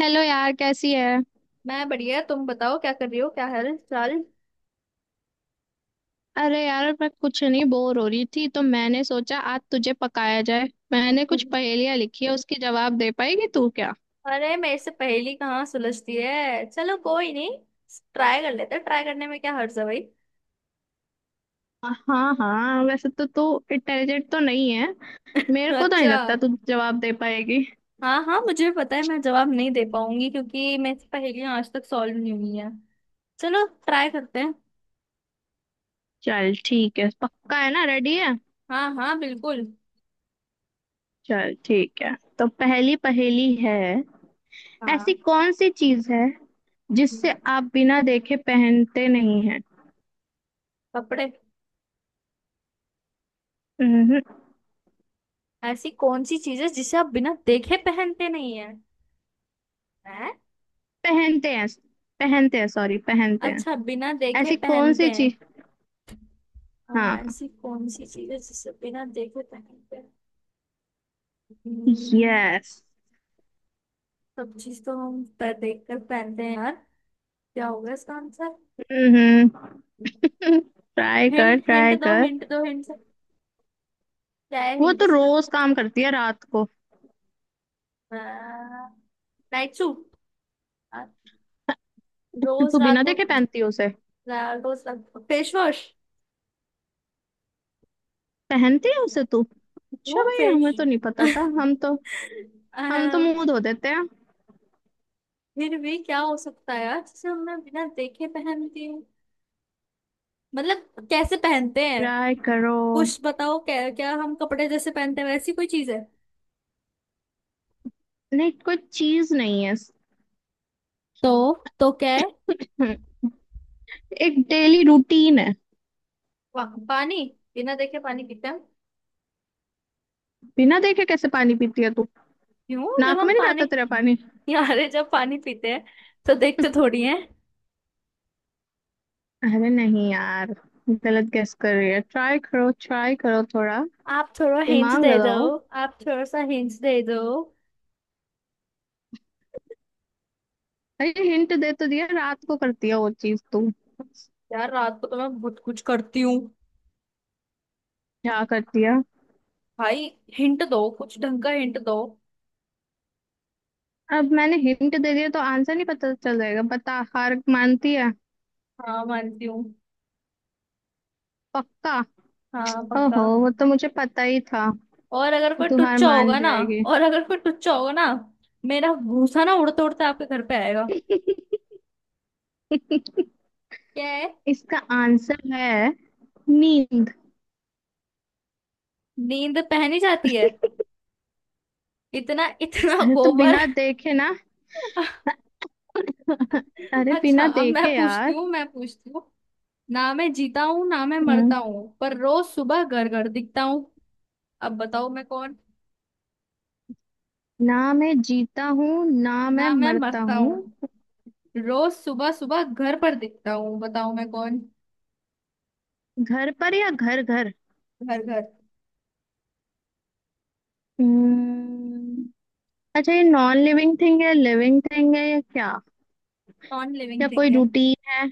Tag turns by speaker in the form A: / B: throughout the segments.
A: Hello यार, कैसी है।
B: मैं बढ़िया। तुम बताओ, क्या कर रही हो? क्या हाल चाल?
A: अरे यार, मैं कुछ नहीं, बोर हो रही थी तो मैंने सोचा आज तुझे पकाया जाए। मैंने कुछ पहेलियां लिखी है, उसके जवाब दे पाएगी तू क्या।
B: अरे मेरे से पहेली कहाँ सुलझती है। चलो कोई नहीं, ट्राई कर लेते हैं। ट्राई करने में क्या हर्ज है भाई।
A: हाँ हाँ, वैसे तो तू इंटेलिजेंट तो नहीं है, मेरे को तो नहीं
B: अच्छा।
A: लगता तू जवाब दे पाएगी।
B: हाँ हाँ, मुझे भी पता है मैं जवाब नहीं दे पाऊंगी, क्योंकि मेरे से पहेलियां आज तक सॉल्व नहीं हुई है। चलो ट्राई करते हैं।
A: चल ठीक है, पक्का है ना, रेडी है।
B: हाँ हाँ बिल्कुल।
A: चल ठीक है, तो पहली पहेली है। ऐसी
B: हाँ।
A: कौन सी चीज है
B: हम्म।
A: जिससे आप बिना देखे पहनते नहीं हैं।
B: कपड़े।
A: हम्म, हम्म,
B: ऐसी कौन सी चीज है जिसे आप बिना देखे पहनते नहीं है, हैं।
A: पहनते हैं, पहनते हैं, सॉरी पहनते हैं।
B: अच्छा, बिना देखे
A: ऐसी कौन
B: पहनते
A: सी
B: हैं।
A: चीज।
B: और
A: हाँ।
B: ऐसी कौन सी चीज है जिसे बिना देखे पहनते हैं? हम्म,
A: यस।
B: सब चीज तो हम पर देख कर पहनते हैं यार। क्या होगा इसका आंसर?
A: हम्म। ट्राई कर,
B: हिंट,
A: ट्राई
B: हिंट दो,
A: कर।
B: हिंट दो, हिंट से क्या है
A: वो
B: हिंट
A: तो
B: इसका?
A: रोज काम करती है रात को।
B: Night suit. रोज
A: तू
B: रात
A: बिना
B: को।
A: देखे पहनती है उसे,
B: रा- रोज रात को फेस वॉश।
A: पहनती है उसे तू। अच्छा
B: नो
A: भाई,
B: फेस।
A: हमें तो नहीं पता था, हम तो, हम तो मुंह धो देते हैं।
B: फिर भी क्या हो सकता है यार जिसे हमने बिना देखे पहनती हूँ? मतलब कैसे पहनते हैं?
A: ट्राई करो।
B: कुछ बताओ, क्या क्या हम कपड़े जैसे पहनते हैं वैसी कोई चीज है?
A: नहीं, कोई चीज नहीं है।
B: तो तो क्या है?
A: हम्म, एक डेली रूटीन है।
B: पा, पानी। बिना देखे पानी पीते हैं हम?
A: बिना देखे कैसे पानी पीती है तू।
B: क्यों, जब
A: नाक
B: हम
A: में नहीं
B: पानी
A: जाता तेरा पानी।
B: यारे जब पानी पीते हैं तो देखते थोड़ी हैं।
A: अरे नहीं यार, गलत गेस कर रही है, ट्राई करो थोड़ा,
B: आप थोड़ा हिंट
A: दिमाग
B: दे दो।
A: लगाओ।
B: आप थोड़ा सा हिंट दे दो।
A: अरे हिंट दे तो दिया, रात को करती है वो चीज तू।
B: यार रात को तो मैं बहुत कुछ करती हूँ।
A: क्या करती है।
B: भाई हिंट दो, कुछ ढंग का हिंट दो।
A: अब मैंने हिंट दे दिया तो आंसर नहीं पता चल जाएगा। बता, हार मानती है।
B: हाँ, मानती हूँ।
A: पक्का।
B: हाँ पक्का।
A: ओहो, वो तो मुझे पता ही था।
B: और अगर कोई
A: तू हार
B: टुच्चा
A: मान
B: होगा ना,
A: जाएगी।
B: और अगर कोई टुच्चा होगा ना, मेरा भूसा ना उड़ते उड़ते आपके घर पे आएगा। क्या है?
A: इसका आंसर है नींद।
B: नींद पहनी जाती है? इतना इतना
A: अरे तो
B: गोबर।
A: बिना देखे ना, अरे
B: अच्छा,
A: बिना
B: अब मैं
A: देखे
B: पूछती
A: यार।
B: हूँ, मैं पूछती हूँ। ना मैं जीता हूँ, ना मैं
A: हम्म,
B: मरता हूँ, पर रोज सुबह घर घर दिखता हूँ। अब बताओ मैं कौन?
A: ना मैं जीता हूँ ना मैं
B: ना मैं
A: मरता
B: मरता
A: हूँ।
B: हूँ, रोज सुबह सुबह घर पर दिखता हूँ, बताओ मैं कौन।
A: घर पर या घर घर।
B: घर घर।
A: हम्म, अच्छा, ये नॉन लिविंग थिंग है, लिविंग थिंग है या क्या,
B: नॉन
A: या
B: लिविंग थिंग
A: कोई
B: है।
A: रूटीन है।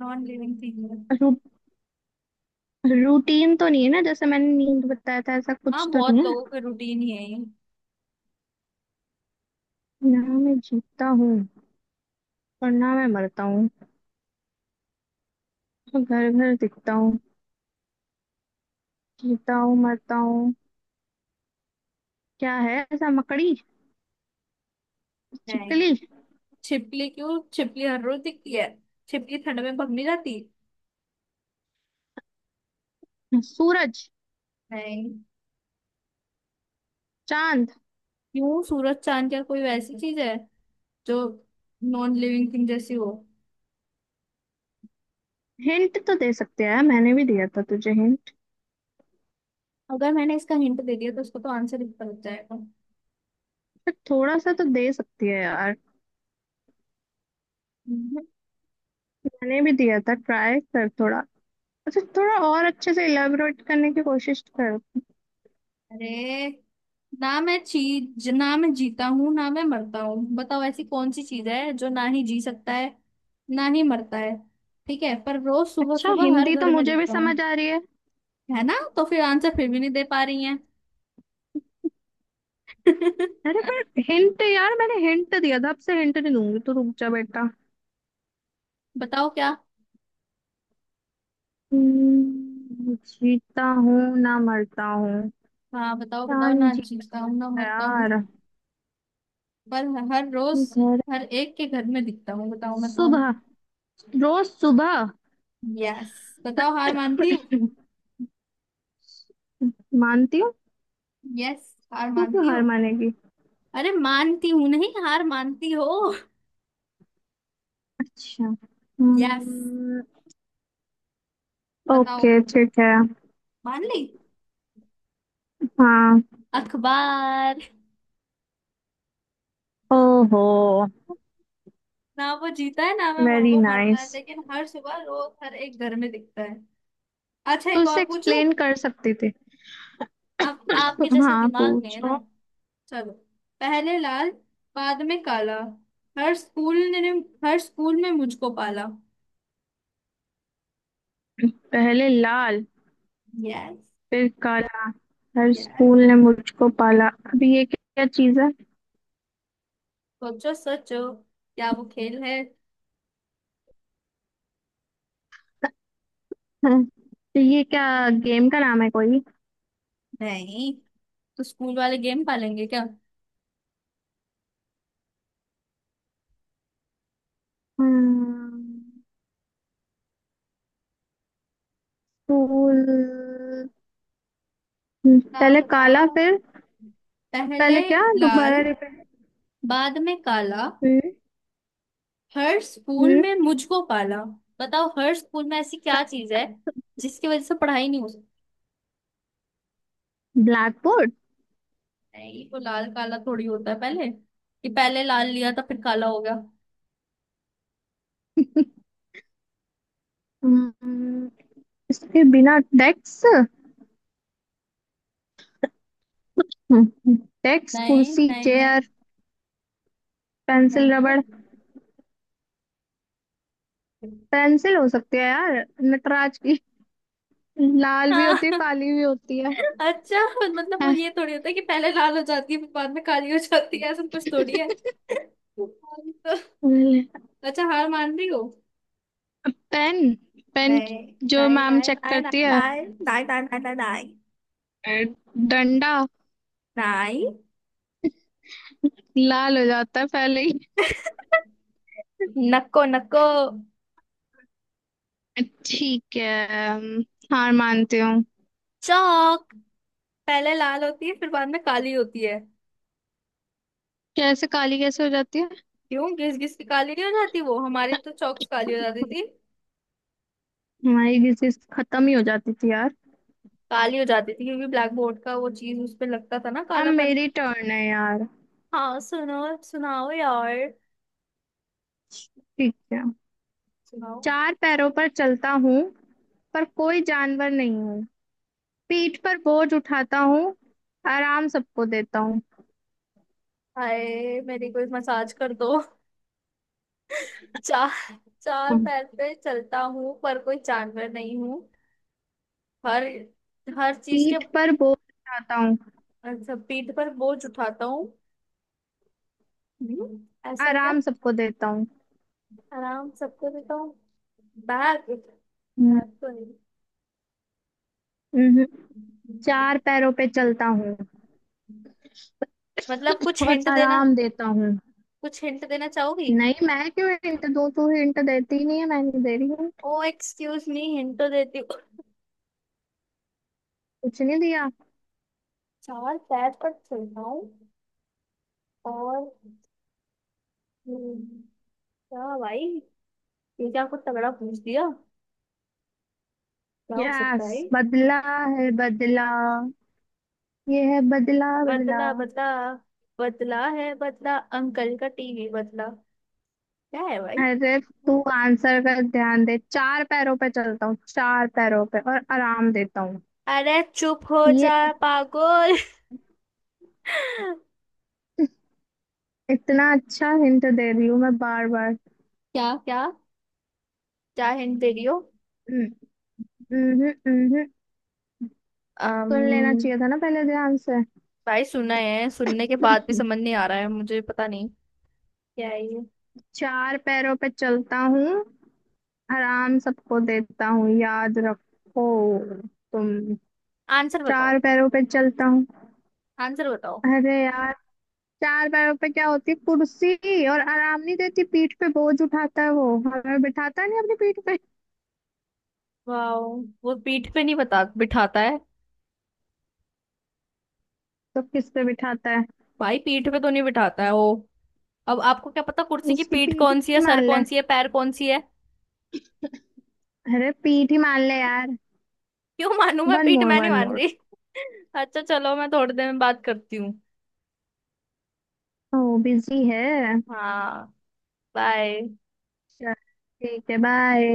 B: नॉन लिविंग थिंग है।
A: रू, रूटीन तो नहीं है ना, जैसे मैंने नींद बताया था, ऐसा कुछ
B: हाँ,
A: तो
B: बहुत
A: नहीं है।
B: लोगों का रूटीन ही है ये।
A: ना मैं जीता हूँ और ना मैं मरता हूँ, घर घर दिखता हूँ। जीता हूँ मरता हूँ, क्या है ऐसा। मकड़ी।
B: नहीं।
A: छिपकली।
B: छिपकली? क्यों, छिपकली हर रोज दिखती है? छिपकली ठंड में भाग नहीं जाती?
A: सूरज।
B: नहीं।
A: चांद।
B: क्यों सूरज चांद, क्या कोई वैसी चीज है जो नॉन लिविंग थिंग जैसी हो?
A: हिंट तो दे सकते हैं, मैंने भी दिया था तुझे हिंट।
B: अगर मैंने इसका हिंट दे दिया तो उसको तो आंसर ही पता जाएगा।
A: थोड़ा सा तो दे सकती है यार,
B: हम्म,
A: मैंने भी दिया था, ट्राई कर थोड़ा। अच्छा, थोड़ा और अच्छे से इलेबोरेट करने की कोशिश कर।
B: अरे, ना मैं चीज, ना मैं जीता हूँ, ना मैं मरता हूँ। बताओ ऐसी कौन सी चीज है जो ना ही जी सकता है, ना ही मरता है। ठीक है, पर रोज सुबह
A: अच्छा,
B: सुबह हर
A: हिंदी तो
B: घर में
A: मुझे भी
B: दिखता हूँ।
A: समझ आ रही है।
B: है ना, तो फिर आंसर फिर भी नहीं दे पा रही हैं।
A: अरे पर, हिंट यार, मैंने हिंट दिया था, अब से हिंट नहीं दूंगी, तो रुक जा बेटा।
B: बताओ क्या।
A: जीता हूँ ना मरता हूँ,
B: हाँ बताओ,
A: क्या
B: बताओ,
A: नहीं
B: ना जीता
A: जीता
B: हूँ ना मरता हूँ,
A: यार।
B: पर हर रोज
A: घर।
B: हर एक के घर में दिखता हूँ। बताओ मैं कौन?
A: सुबह, रोज सुबह।
B: यस। बताओ, हार मानती हो?
A: मानती हूँ।
B: यस, हार
A: तू क्यों
B: मानती
A: हार
B: हो।
A: मानेगी।
B: अरे मानती हूँ नहीं, हार मानती हो?
A: अच्छा।
B: यस,
A: हम्म,
B: बताओ।
A: ओके ठीक है।
B: मान ली।
A: हाँ।
B: अखबार।
A: ओहो,
B: ना वो जीता है, ना मैं
A: वेरी
B: वो मरता है,
A: नाइस।
B: लेकिन हर सुबह रोज हर एक घर में दिखता है। अच्छा,
A: तू
B: एक और
A: इसे
B: पूछू?
A: एक्सप्लेन कर सकती थी।
B: अब आपके जैसे
A: हाँ,
B: दिमाग में है
A: पूछो।
B: ना। चलो। पहले लाल, बाद में काला, हर स्कूल ने, हर स्कूल में मुझको पाला।
A: पहले लाल,
B: यस।
A: फिर काला, हर
B: यस,
A: स्कूल ने मुझको पाला। अभी ये क्या चीज है।
B: सोचो सोचो। क्या वो खेल है?
A: तो ये क्या गेम का नाम है कोई।
B: नहीं, तो स्कूल वाले गेम पालेंगे क्या?
A: हम्म, स्कूल।
B: बताओ,
A: पहले काला
B: बताओ।
A: फिर,
B: पहले
A: पहले क्या,
B: लाल,
A: दोबारा रिपीट।
B: बाद में काला, हर स्कूल
A: हम्म।
B: में मुझको पाला। बताओ हर स्कूल में ऐसी क्या चीज है जिसकी वजह से पढ़ाई नहीं हो सकती।
A: Black board.
B: नहीं, तो लाल काला थोड़ी होता है पहले कि पहले लाल लिया था फिर काला हो गया।
A: हम्म, इसके बिना। डेस्क, डेस्क
B: नहीं
A: कुर्सी
B: नहीं नहीं।
A: चेयर,
B: नहीं
A: पेंसिल
B: तो।
A: रबड़। पेंसिल हो सकती है यार, नटराज की, लाल भी
B: हाँ।
A: होती है काली भी होती है।
B: अच्छा, मतलब वो ये थोड़ी होता है कि पहले लाल हो जाती है फिर बाद में काली हो जाती है, ऐसा कुछ थोड़ी है। तो
A: हैं,
B: अच्छा, हार मान रही हो?
A: पेन, पेन
B: này
A: जो
B: này
A: ma'am
B: này
A: check
B: này này này
A: करती है,
B: này này này này này
A: डंडा,
B: này।
A: लाल हो जाता है पहले ही।
B: नक्को नक्को।
A: ठीक है, हार मानती हूँ।
B: चौक। पहले लाल होती है, फिर बाद में काली होती है।
A: कैसे काली, कैसे हो जाती है।
B: क्यों, घिस घिस के काली नहीं हो जाती? वो हमारी तो चौक से काली हो जाती थी।
A: हमारी डिजीज खत्म ही हो जाती थी यार।
B: काली हो जाती थी क्योंकि ब्लैक बोर्ड का वो चीज उस पे लगता था ना,
A: अब
B: कालापन।
A: मेरी टर्न है यार।
B: हाँ सुनो, सुनाओ यार।
A: ठीक है।
B: सुनाओ।
A: चार पैरों पर चलता हूँ पर कोई जानवर नहीं हूँ, पीठ पर बोझ उठाता हूँ, आराम सबको देता हूँ।
B: हाय, मेरी कोई मसाज कर दो। चार, चार
A: हम्म।
B: पैर पे चलता हूँ पर कोई जानवर नहीं हूँ। हर, हर चीज के।
A: पीठ पर बोझ उठाता हूँ,
B: अच्छा, पीठ पर बोझ उठाता हूँ। ऐसा क्या?
A: आराम सबको देता हूँ।
B: आराम सबको देता हूँ? बैग। बैग
A: हम्म,
B: तो नहीं।
A: हम्म। चार पैरों पे चलता हूँ
B: मतलब कुछ
A: और
B: हिंट देना,
A: आराम देता हूँ।
B: कुछ हिंट देना चाहोगी?
A: नहीं, मैं क्यों हिंट दो, तू हिंट देती ही नहीं है, मैंने दे रही हूँ।
B: ओ एक्सक्यूज मी, हिंट तो देती हूँ।
A: कुछ नहीं दिया।
B: चार पैर पर चलता हूँ और हम्म, क्या भाई, ये क्या कुछ तगड़ा पूछ दिया? क्या हो सकता
A: यस,
B: है ये?
A: बदला है बदला, ये है बदला बदला।
B: बदला, बदला। बदला है बदला, अंकल का टीवी बदला। क्या है भाई?
A: अरे तू आंसर का ध्यान दे, चार पैरों पे चलता हूँ, चार पैरों पे, और आराम देता हूँ।
B: अरे चुप हो
A: ये
B: जा
A: इत-
B: पागल। क्या?
A: इतना अच्छा हिंट दे रही हूँ मैं, बार बार।
B: क्या, क्या हिंट दे रही हो?
A: हम्म, हम्म, हम्म, हम्म। सुन लेना
B: अम्म,
A: चाहिए था ना पहले ध्यान से।
B: भाई सुना है, सुनने के बाद भी समझ नहीं आ रहा है, मुझे पता नहीं क्या है ये।
A: चार पैरों पे चलता हूँ, आराम सबको देता हूँ, याद रखो तुम।
B: आंसर बताओ।
A: चार पैरों पे चलता हूँ।
B: आंसर बताओ।
A: अरे यार, चार पैरों पे क्या होती है? कुर्सी। और आराम नहीं देती, पीठ पे बोझ उठाता है, वो हमें बिठाता नहीं अपनी पीठ पे।
B: वाओ। वो पीठ पे नहीं बता बिठाता है?
A: तो किस पे बिठाता है।
B: भाई पीठ पे तो नहीं बिठाता है वो। अब आपको क्या पता कुर्सी की
A: उसकी
B: पीठ
A: पीठ
B: कौन सी
A: ही
B: है, सर
A: मान ले,
B: कौन सी है, पैर कौन सी है।
A: अरे पीठ ही मान ले यार।
B: क्यों मानू मैं?
A: वन
B: पीठ
A: मोर,
B: मैं नहीं
A: वन
B: मान
A: मोर।
B: रही। अच्छा चलो, मैं थोड़ी देर में बात करती हूँ।
A: ओ बिजी है।
B: हाँ। बाय।
A: चल ठीक है, बाय।